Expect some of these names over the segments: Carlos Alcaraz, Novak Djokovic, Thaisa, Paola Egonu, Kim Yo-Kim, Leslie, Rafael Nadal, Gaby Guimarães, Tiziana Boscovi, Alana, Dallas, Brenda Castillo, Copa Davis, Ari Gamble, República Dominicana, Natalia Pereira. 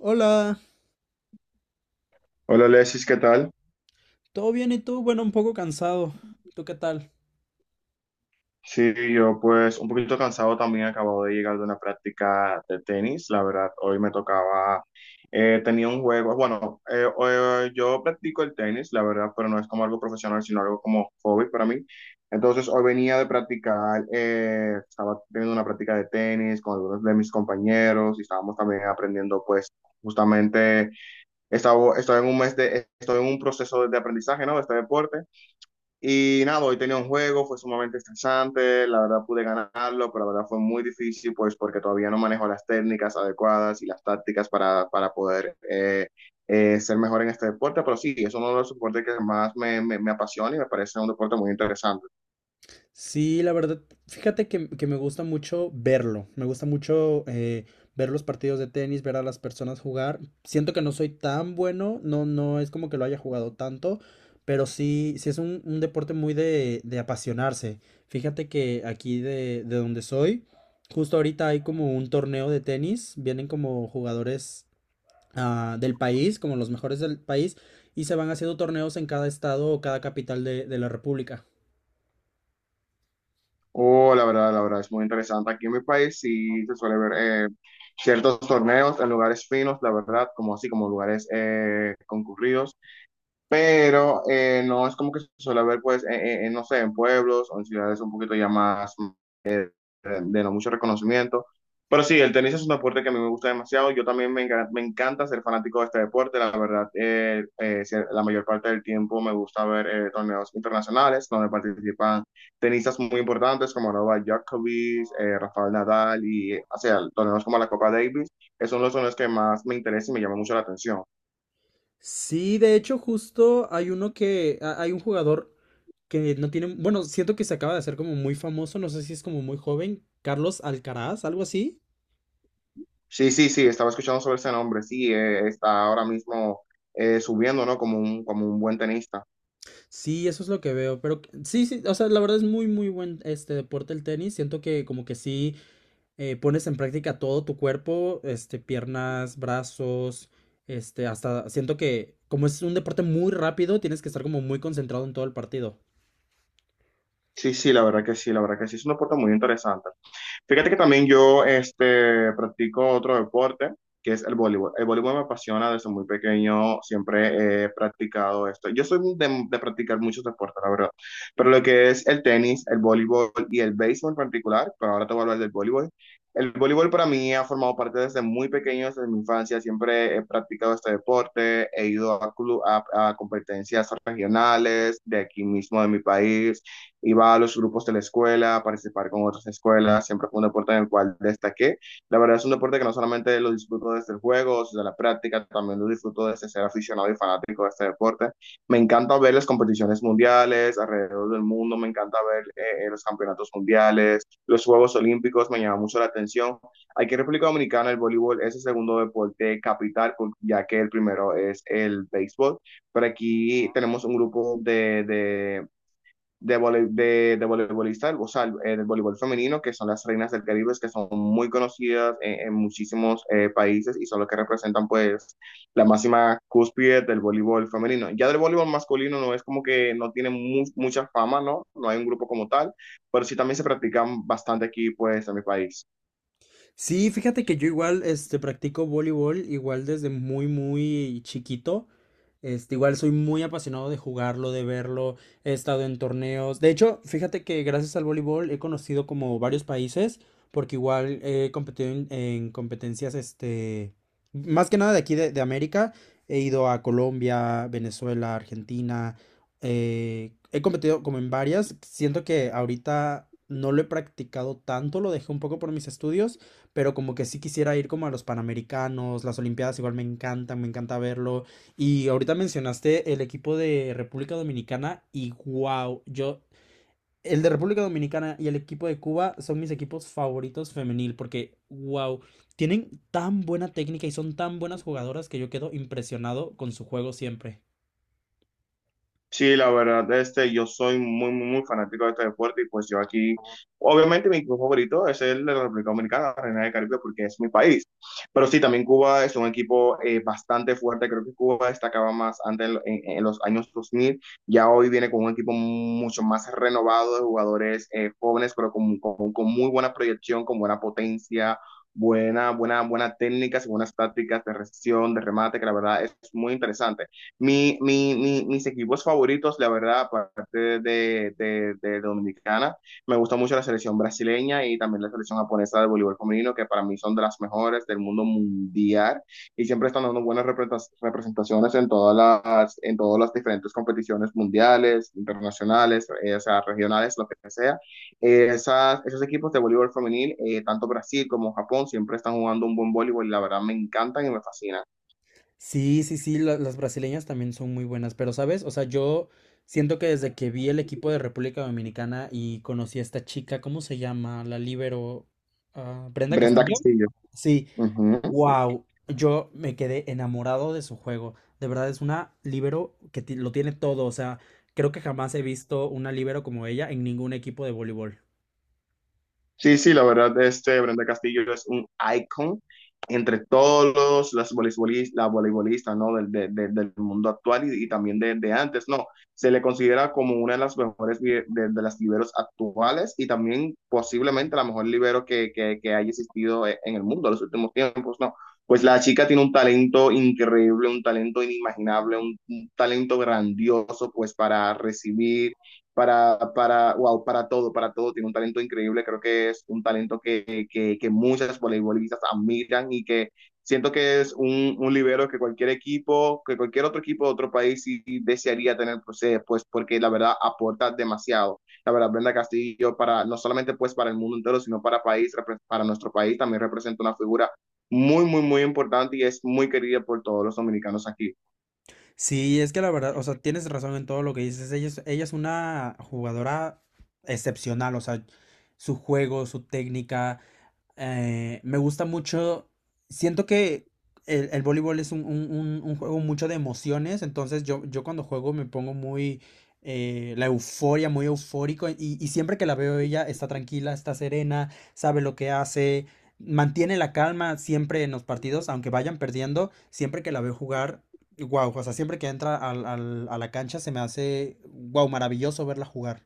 Hola, Hola, Alexis, ¿qué tal? ¿todo bien y tú? Bueno, un poco cansado. ¿Tú qué tal? Sí, yo pues un poquito cansado también, acabo de llegar de una práctica de tenis, la verdad, hoy me tocaba, tenía un juego, bueno, yo practico el tenis, la verdad, pero no es como algo profesional, sino algo como hobby para mí. Entonces, hoy venía de practicar, estaba teniendo una práctica de tenis con algunos de mis compañeros y estábamos también aprendiendo pues justamente, estoy en un mes de, estoy en un proceso de aprendizaje, ¿no? De este deporte. Y nada, hoy tenía un juego, fue sumamente estresante, la verdad pude ganarlo, pero la verdad fue muy difícil, pues porque todavía no manejo las técnicas adecuadas y las tácticas para poder ser mejor en este deporte, pero sí, es uno de los deportes que más me apasiona y me parece un deporte muy interesante. Sí, la verdad, fíjate que me gusta mucho verlo. Me gusta mucho ver los partidos de tenis, ver a las personas jugar. Siento que no soy tan bueno, no, no es como que lo haya jugado tanto, pero sí, sí es un deporte muy de apasionarse. Fíjate que aquí de donde soy, justo ahorita hay como un torneo de tenis. Vienen como jugadores del país, como los mejores del país, y se van haciendo torneos en cada estado o cada capital de la República. Oh, la verdad, es muy interesante. Aquí en mi país sí se suele ver eh, ciertos torneos en lugares finos, la verdad, como así, como lugares concurridos. Pero no es como que se suele ver, pues, en, no sé, en pueblos o en ciudades un poquito ya más de no mucho reconocimiento. Pero sí, el tenis es un deporte que a mí me gusta demasiado. Yo también me, me encanta ser fanático de este deporte. La verdad, la mayor parte del tiempo me gusta ver torneos internacionales donde participan tenistas muy importantes como Novak Djokovic, Rafael Nadal y, o sea, torneos como la Copa Davis. Esos son los torneos que más me interesan y me llaman mucho la atención. Sí, de hecho, justo hay uno que hay un jugador que no tiene, bueno, siento que se acaba de hacer como muy famoso, no sé si es como muy joven, Carlos Alcaraz, algo así. Sí, sí, sí, estaba escuchando sobre ese nombre, sí, está ahora mismo subiendo, ¿no? Como un buen tenista. Sí, eso es lo que veo, pero sí, sí, o sea, la verdad es muy, muy buen este deporte el tenis, siento que como que sí pones en práctica todo tu cuerpo, este, piernas, brazos, este, hasta siento que como es un deporte muy rápido, tienes que estar como muy concentrado en todo el partido. Sí, sí, la verdad que sí, la verdad que sí, es un deporte muy interesante. Fíjate que también yo este, practico otro deporte, que es el voleibol. El voleibol me apasiona desde muy pequeño, siempre he practicado esto. Yo soy de practicar muchos deportes, la verdad, pero lo que es el tenis, el voleibol y el béisbol en particular, pero ahora te voy a hablar del voleibol. El voleibol para mí ha formado parte desde muy pequeño, desde mi infancia. Siempre he practicado este deporte, he ido a, club, a competencias regionales de aquí mismo, de mi país. Iba a los grupos de la escuela, a participar con otras escuelas, siempre fue un deporte en el cual destaqué. La verdad es un deporte que no solamente lo disfruto desde el juego, desde la práctica, también lo disfruto desde ser aficionado y fanático de este deporte. Me encanta ver las competiciones mundiales alrededor del mundo, me encanta ver los campeonatos mundiales, los Juegos Olímpicos, me llama mucho la atención. Aquí en República Dominicana el voleibol es el segundo deporte capital, ya que el primero es el béisbol. Pero aquí tenemos un grupo de voleibolista, o sea, del voleibol femenino, que son las reinas del Caribe, que son muy conocidas en muchísimos países y son los que representan pues la máxima cúspide del voleibol femenino. Ya del voleibol masculino no es como que no tiene mucha fama, ¿no? No hay un grupo como tal, pero sí también se practican bastante aquí pues en mi país. Sí, fíjate que yo igual, este, practico voleibol, igual desde muy, muy chiquito. Este, igual soy muy apasionado de jugarlo, de verlo. He estado en torneos. De hecho, fíjate que gracias al voleibol he conocido como varios países, porque igual he competido en competencias, este, más que nada de aquí de América. He ido a Colombia, Venezuela, Argentina. He competido como en varias. Siento que ahorita no lo he practicado tanto, lo dejé un poco por mis estudios pero como que sí quisiera ir como a los Panamericanos, las Olimpiadas igual me encantan, me encanta verlo. Y ahorita mencionaste el equipo de República Dominicana y wow, yo, el de República Dominicana y el equipo de Cuba son mis equipos favoritos femenil porque wow, tienen tan buena técnica y son tan buenas jugadoras que yo quedo impresionado con su juego siempre. Sí, la verdad, este, yo soy muy, muy, muy fanático de este deporte y pues yo aquí, obviamente mi equipo favorito es el de la República Dominicana, la Reina del Caribe, porque es mi país. Pero sí, también Cuba es un equipo bastante fuerte, creo que Cuba destacaba más antes en, en los años 2000. Ya hoy viene con un equipo mucho más renovado de jugadores jóvenes, pero con muy buena proyección, con buena potencia. Buena, buena, buena técnicas y buenas tácticas de recepción, de remate, que la verdad es muy interesante. Mis equipos favoritos, la verdad, aparte de Dominicana, me gusta mucho la selección brasileña y también la selección japonesa de voleibol femenino, que para mí son de las mejores del mundo mundial y siempre están dando buenas representaciones en todas las diferentes competiciones mundiales, internacionales, o sea, regionales, lo que sea. Esas, esos equipos de voleibol femenil, tanto Brasil como Japón, siempre están jugando un buen voleibol y la verdad me encantan y me fascinan. Sí, sí, sí, la- las brasileñas también son muy buenas, pero ¿sabes? O sea, yo siento que desde que vi el equipo de República Dominicana y conocí a esta chica, ¿cómo se llama? La líbero, ah, Brenda Brenda Castillo. Castillo. Sí, Ujú. wow, yo me quedé enamorado de su juego. De verdad es una líbero que lo tiene todo, o sea, creo que jamás he visto una líbero como ella en ningún equipo de voleibol. Sí, sí, la verdad, este Brenda Castillo es un icon entre todos los voleibolistas, las voleibolistas, la voleibolista, ¿no? Del, del mundo actual y también de antes, ¿no? Se le considera como una de las mejores de las liberos actuales y también posiblemente la mejor libero que haya existido en el mundo en los últimos tiempos, ¿no? Pues la chica tiene un talento increíble, un talento inimaginable, un talento grandioso, pues para recibir para, wow, para todo, tiene un talento increíble, creo que es un talento que muchas voleibolistas admiran y que siento que es un libero que cualquier equipo, que cualquier otro equipo de otro país sí desearía tener, pues, pues porque la verdad aporta demasiado. La verdad, Brenda Castillo, para, no solamente pues para el mundo entero, sino para, país, para nuestro país, también representa una figura muy, muy, muy importante y es muy querida por todos los dominicanos aquí. Sí, es que la verdad, o sea, tienes razón en todo lo que dices. Ella es una jugadora excepcional, o sea, su juego, su técnica, me gusta mucho, siento que el voleibol es un, un juego mucho de emociones, entonces yo cuando juego me pongo muy, la euforia, muy eufórico, y siempre que la veo ella está tranquila, está serena, sabe lo que hace, mantiene la calma siempre en los partidos, aunque vayan perdiendo, siempre que la veo jugar, wow, o sea, siempre que entra a la cancha se me hace, wow, maravilloso verla jugar.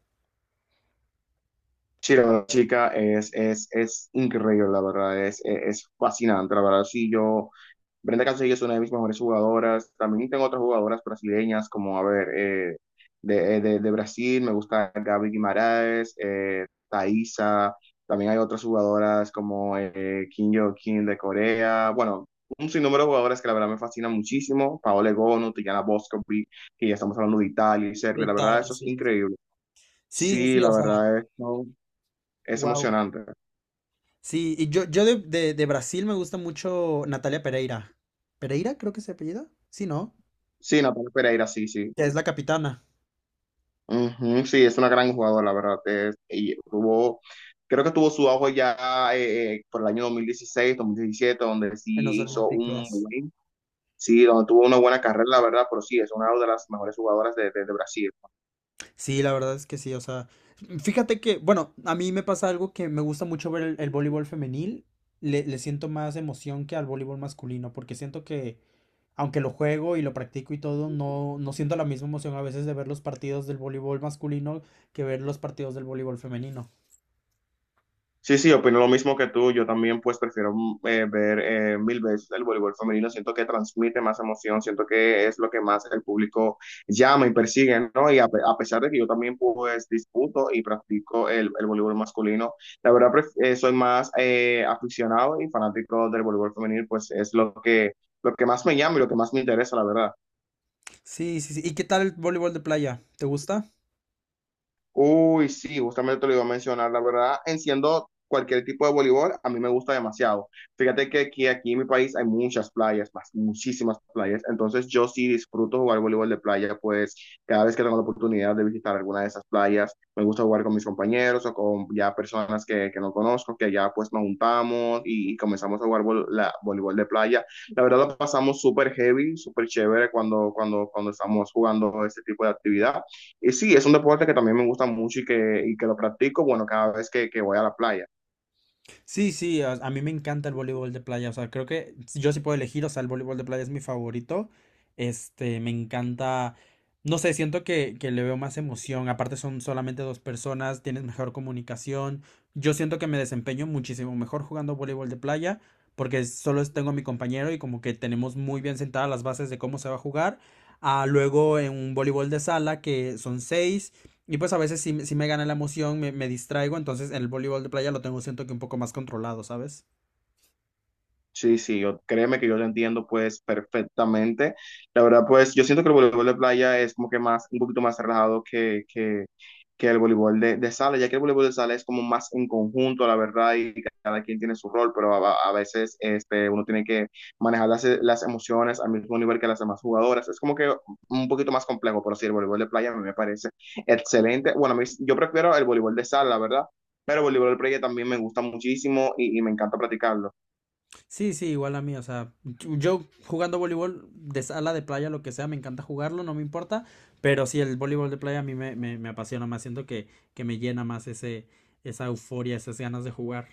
Sí, la verdad, chica, es increíble, la verdad, es fascinante, la verdad, sí, yo, Brenda Castillo es una de mis mejores jugadoras, también tengo otras jugadoras brasileñas, como, a ver, de Brasil, me gusta Gaby Guimarães, Thaisa, también hay otras jugadoras como Kim Yo-Kim de Corea, bueno, un sinnúmero de jugadoras que la verdad me fascinan muchísimo, Paola Egonu, Tiziana Boscovi, que ya estamos hablando de Italia y De Serbia, la verdad, Italia, eso es sí. increíble. Sí, sí, Sí, sí, la o sea, verdad es, ¿no? Es wow. emocionante. Sí, y yo de, de Brasil me gusta mucho Natalia Pereira. ¿Pereira creo que es su apellido? Sí, ¿no? Sí, Natalia Pereira, sí, sí. Que es la capitana Ujú, sí, es una gran jugadora, la verdad. Es- y tuvo, creo que tuvo su auge ya por el año 2016, 2017, donde en los sí hizo un Olímpicos. buen, sí, donde tuvo una buena carrera, la verdad, pero sí, es una de las mejores jugadoras de Brasil. Sí, la verdad es que sí, o sea, fíjate que, bueno, a mí me pasa algo que me gusta mucho ver el voleibol femenil, le siento más emoción que al voleibol masculino, porque siento que, aunque lo juego y lo practico y todo, no, no siento la misma emoción a veces de ver los partidos del voleibol masculino que ver los partidos del voleibol femenino. Sí, sí, opino lo mismo que tú. Yo también, pues, prefiero ver mil veces el voleibol femenino. Siento que transmite más emoción, siento que es lo que más el público llama y persigue, ¿no? Y a, a pesar de que yo también, pues, disputo y practico el voleibol masculino, la verdad, soy más aficionado y fanático del voleibol femenino, pues, es lo que más me llama y lo que más me interesa, la verdad. Sí, sí, sí. ¿Y qué tal el voleibol de playa? ¿Te gusta? Uy, sí, justamente te lo iba a mencionar. La verdad, enciendo cualquier tipo de voleibol, a mí me gusta demasiado. Fíjate que aquí, aquí en mi país hay muchas playas, más, muchísimas playas. Entonces, yo sí disfruto jugar voleibol de playa, pues cada vez que tengo la oportunidad de visitar alguna de esas playas, me gusta jugar con mis compañeros o con ya personas que no conozco, que ya pues nos juntamos y comenzamos a jugar voleibol de playa. La verdad, lo pasamos súper heavy, súper chévere cuando, cuando, cuando estamos jugando este tipo de actividad. Y sí, es un deporte que también me gusta mucho y que lo practico, bueno, cada vez que voy a la playa. Sí, sí, a mí me encanta el voleibol de playa, o sea, creo que si yo sí puedo elegir, o sea, el voleibol de playa es mi favorito, este, me encanta, no sé, siento que le veo más emoción, aparte son solamente dos personas, tienes mejor comunicación, yo siento que me desempeño muchísimo mejor jugando voleibol de playa, porque tengo a mi compañero y como que tenemos muy bien sentadas las bases de cómo se va a jugar, a luego en un voleibol de sala que son seis, y pues a veces sí, sí me gana la emoción, me distraigo, entonces en el voleibol de playa lo tengo siento que un poco más controlado, ¿sabes? Sí, sí, yo, créeme que yo lo entiendo pues perfectamente. La verdad pues yo siento que el voleibol de playa es como que más, un poquito más relajado que el voleibol de sala, ya que el voleibol de sala es como más en conjunto, la verdad, y cada quien tiene su rol, pero a veces este, uno tiene que manejar las emociones al mismo nivel que las demás jugadoras. Es como que un poquito más complejo, pero sí, el voleibol de playa a mí me parece excelente. Bueno, yo prefiero el voleibol de sala, la verdad, pero el voleibol de playa también me gusta muchísimo y me encanta practicarlo. Sí, sí, igual a mí, o sea, yo jugando voleibol de sala, de playa, lo que sea, me encanta jugarlo, no me importa, pero sí, el voleibol de playa a mí me apasiona más, siento que me llena más ese, esa euforia, esas ganas de jugar.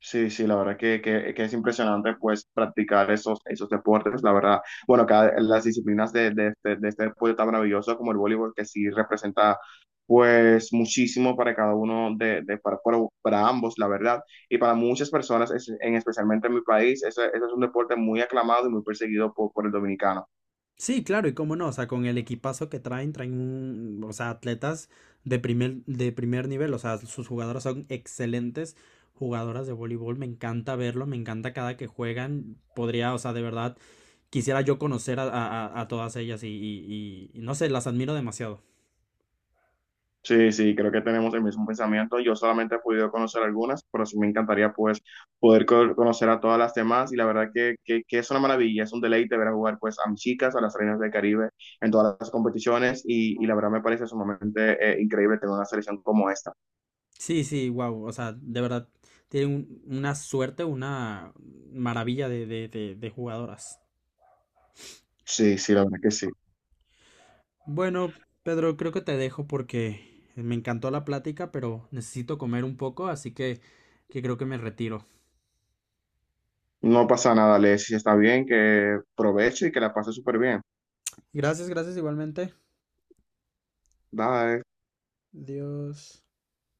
Sí, sí, la verdad que es impresionante pues practicar esos, esos deportes, la verdad. Bueno, cada, las disciplinas de este deporte tan maravilloso como el voleibol, que sí representa pues muchísimo para cada uno de para ambos, la verdad. Y para muchas personas, es- en especialmente en mi país, ese es un deporte muy aclamado y muy perseguido por el dominicano. Sí, claro, y cómo no, o sea, con el equipazo que traen, traen un, o sea, atletas de primer nivel, o sea, sus jugadoras son excelentes jugadoras de voleibol, me encanta verlo, me encanta cada que juegan, podría, o sea, de verdad, quisiera yo conocer a, a todas ellas y, y no sé, las admiro demasiado. Sí, sí, creo que tenemos el mismo pensamiento. Yo solamente he podido conocer algunas, pero sí me encantaría pues poder conocer a todas las demás y la verdad que es una maravilla, es un deleite ver a jugar pues a mis chicas, a las reinas del Caribe en todas las competiciones y la verdad me parece sumamente increíble tener una selección como esta. Sí, sí, wow, o sea, de verdad, tienen una suerte, una maravilla de jugadoras. Sí, sí, la verdad que sí. Bueno, Pedro, creo que te dejo porque me encantó la plática, pero necesito comer un poco, así que creo que me retiro. No pasa nada, Leslie, está bien, que provecho y que la pase súper bien. Gracias, gracias igualmente. Bye. Dios.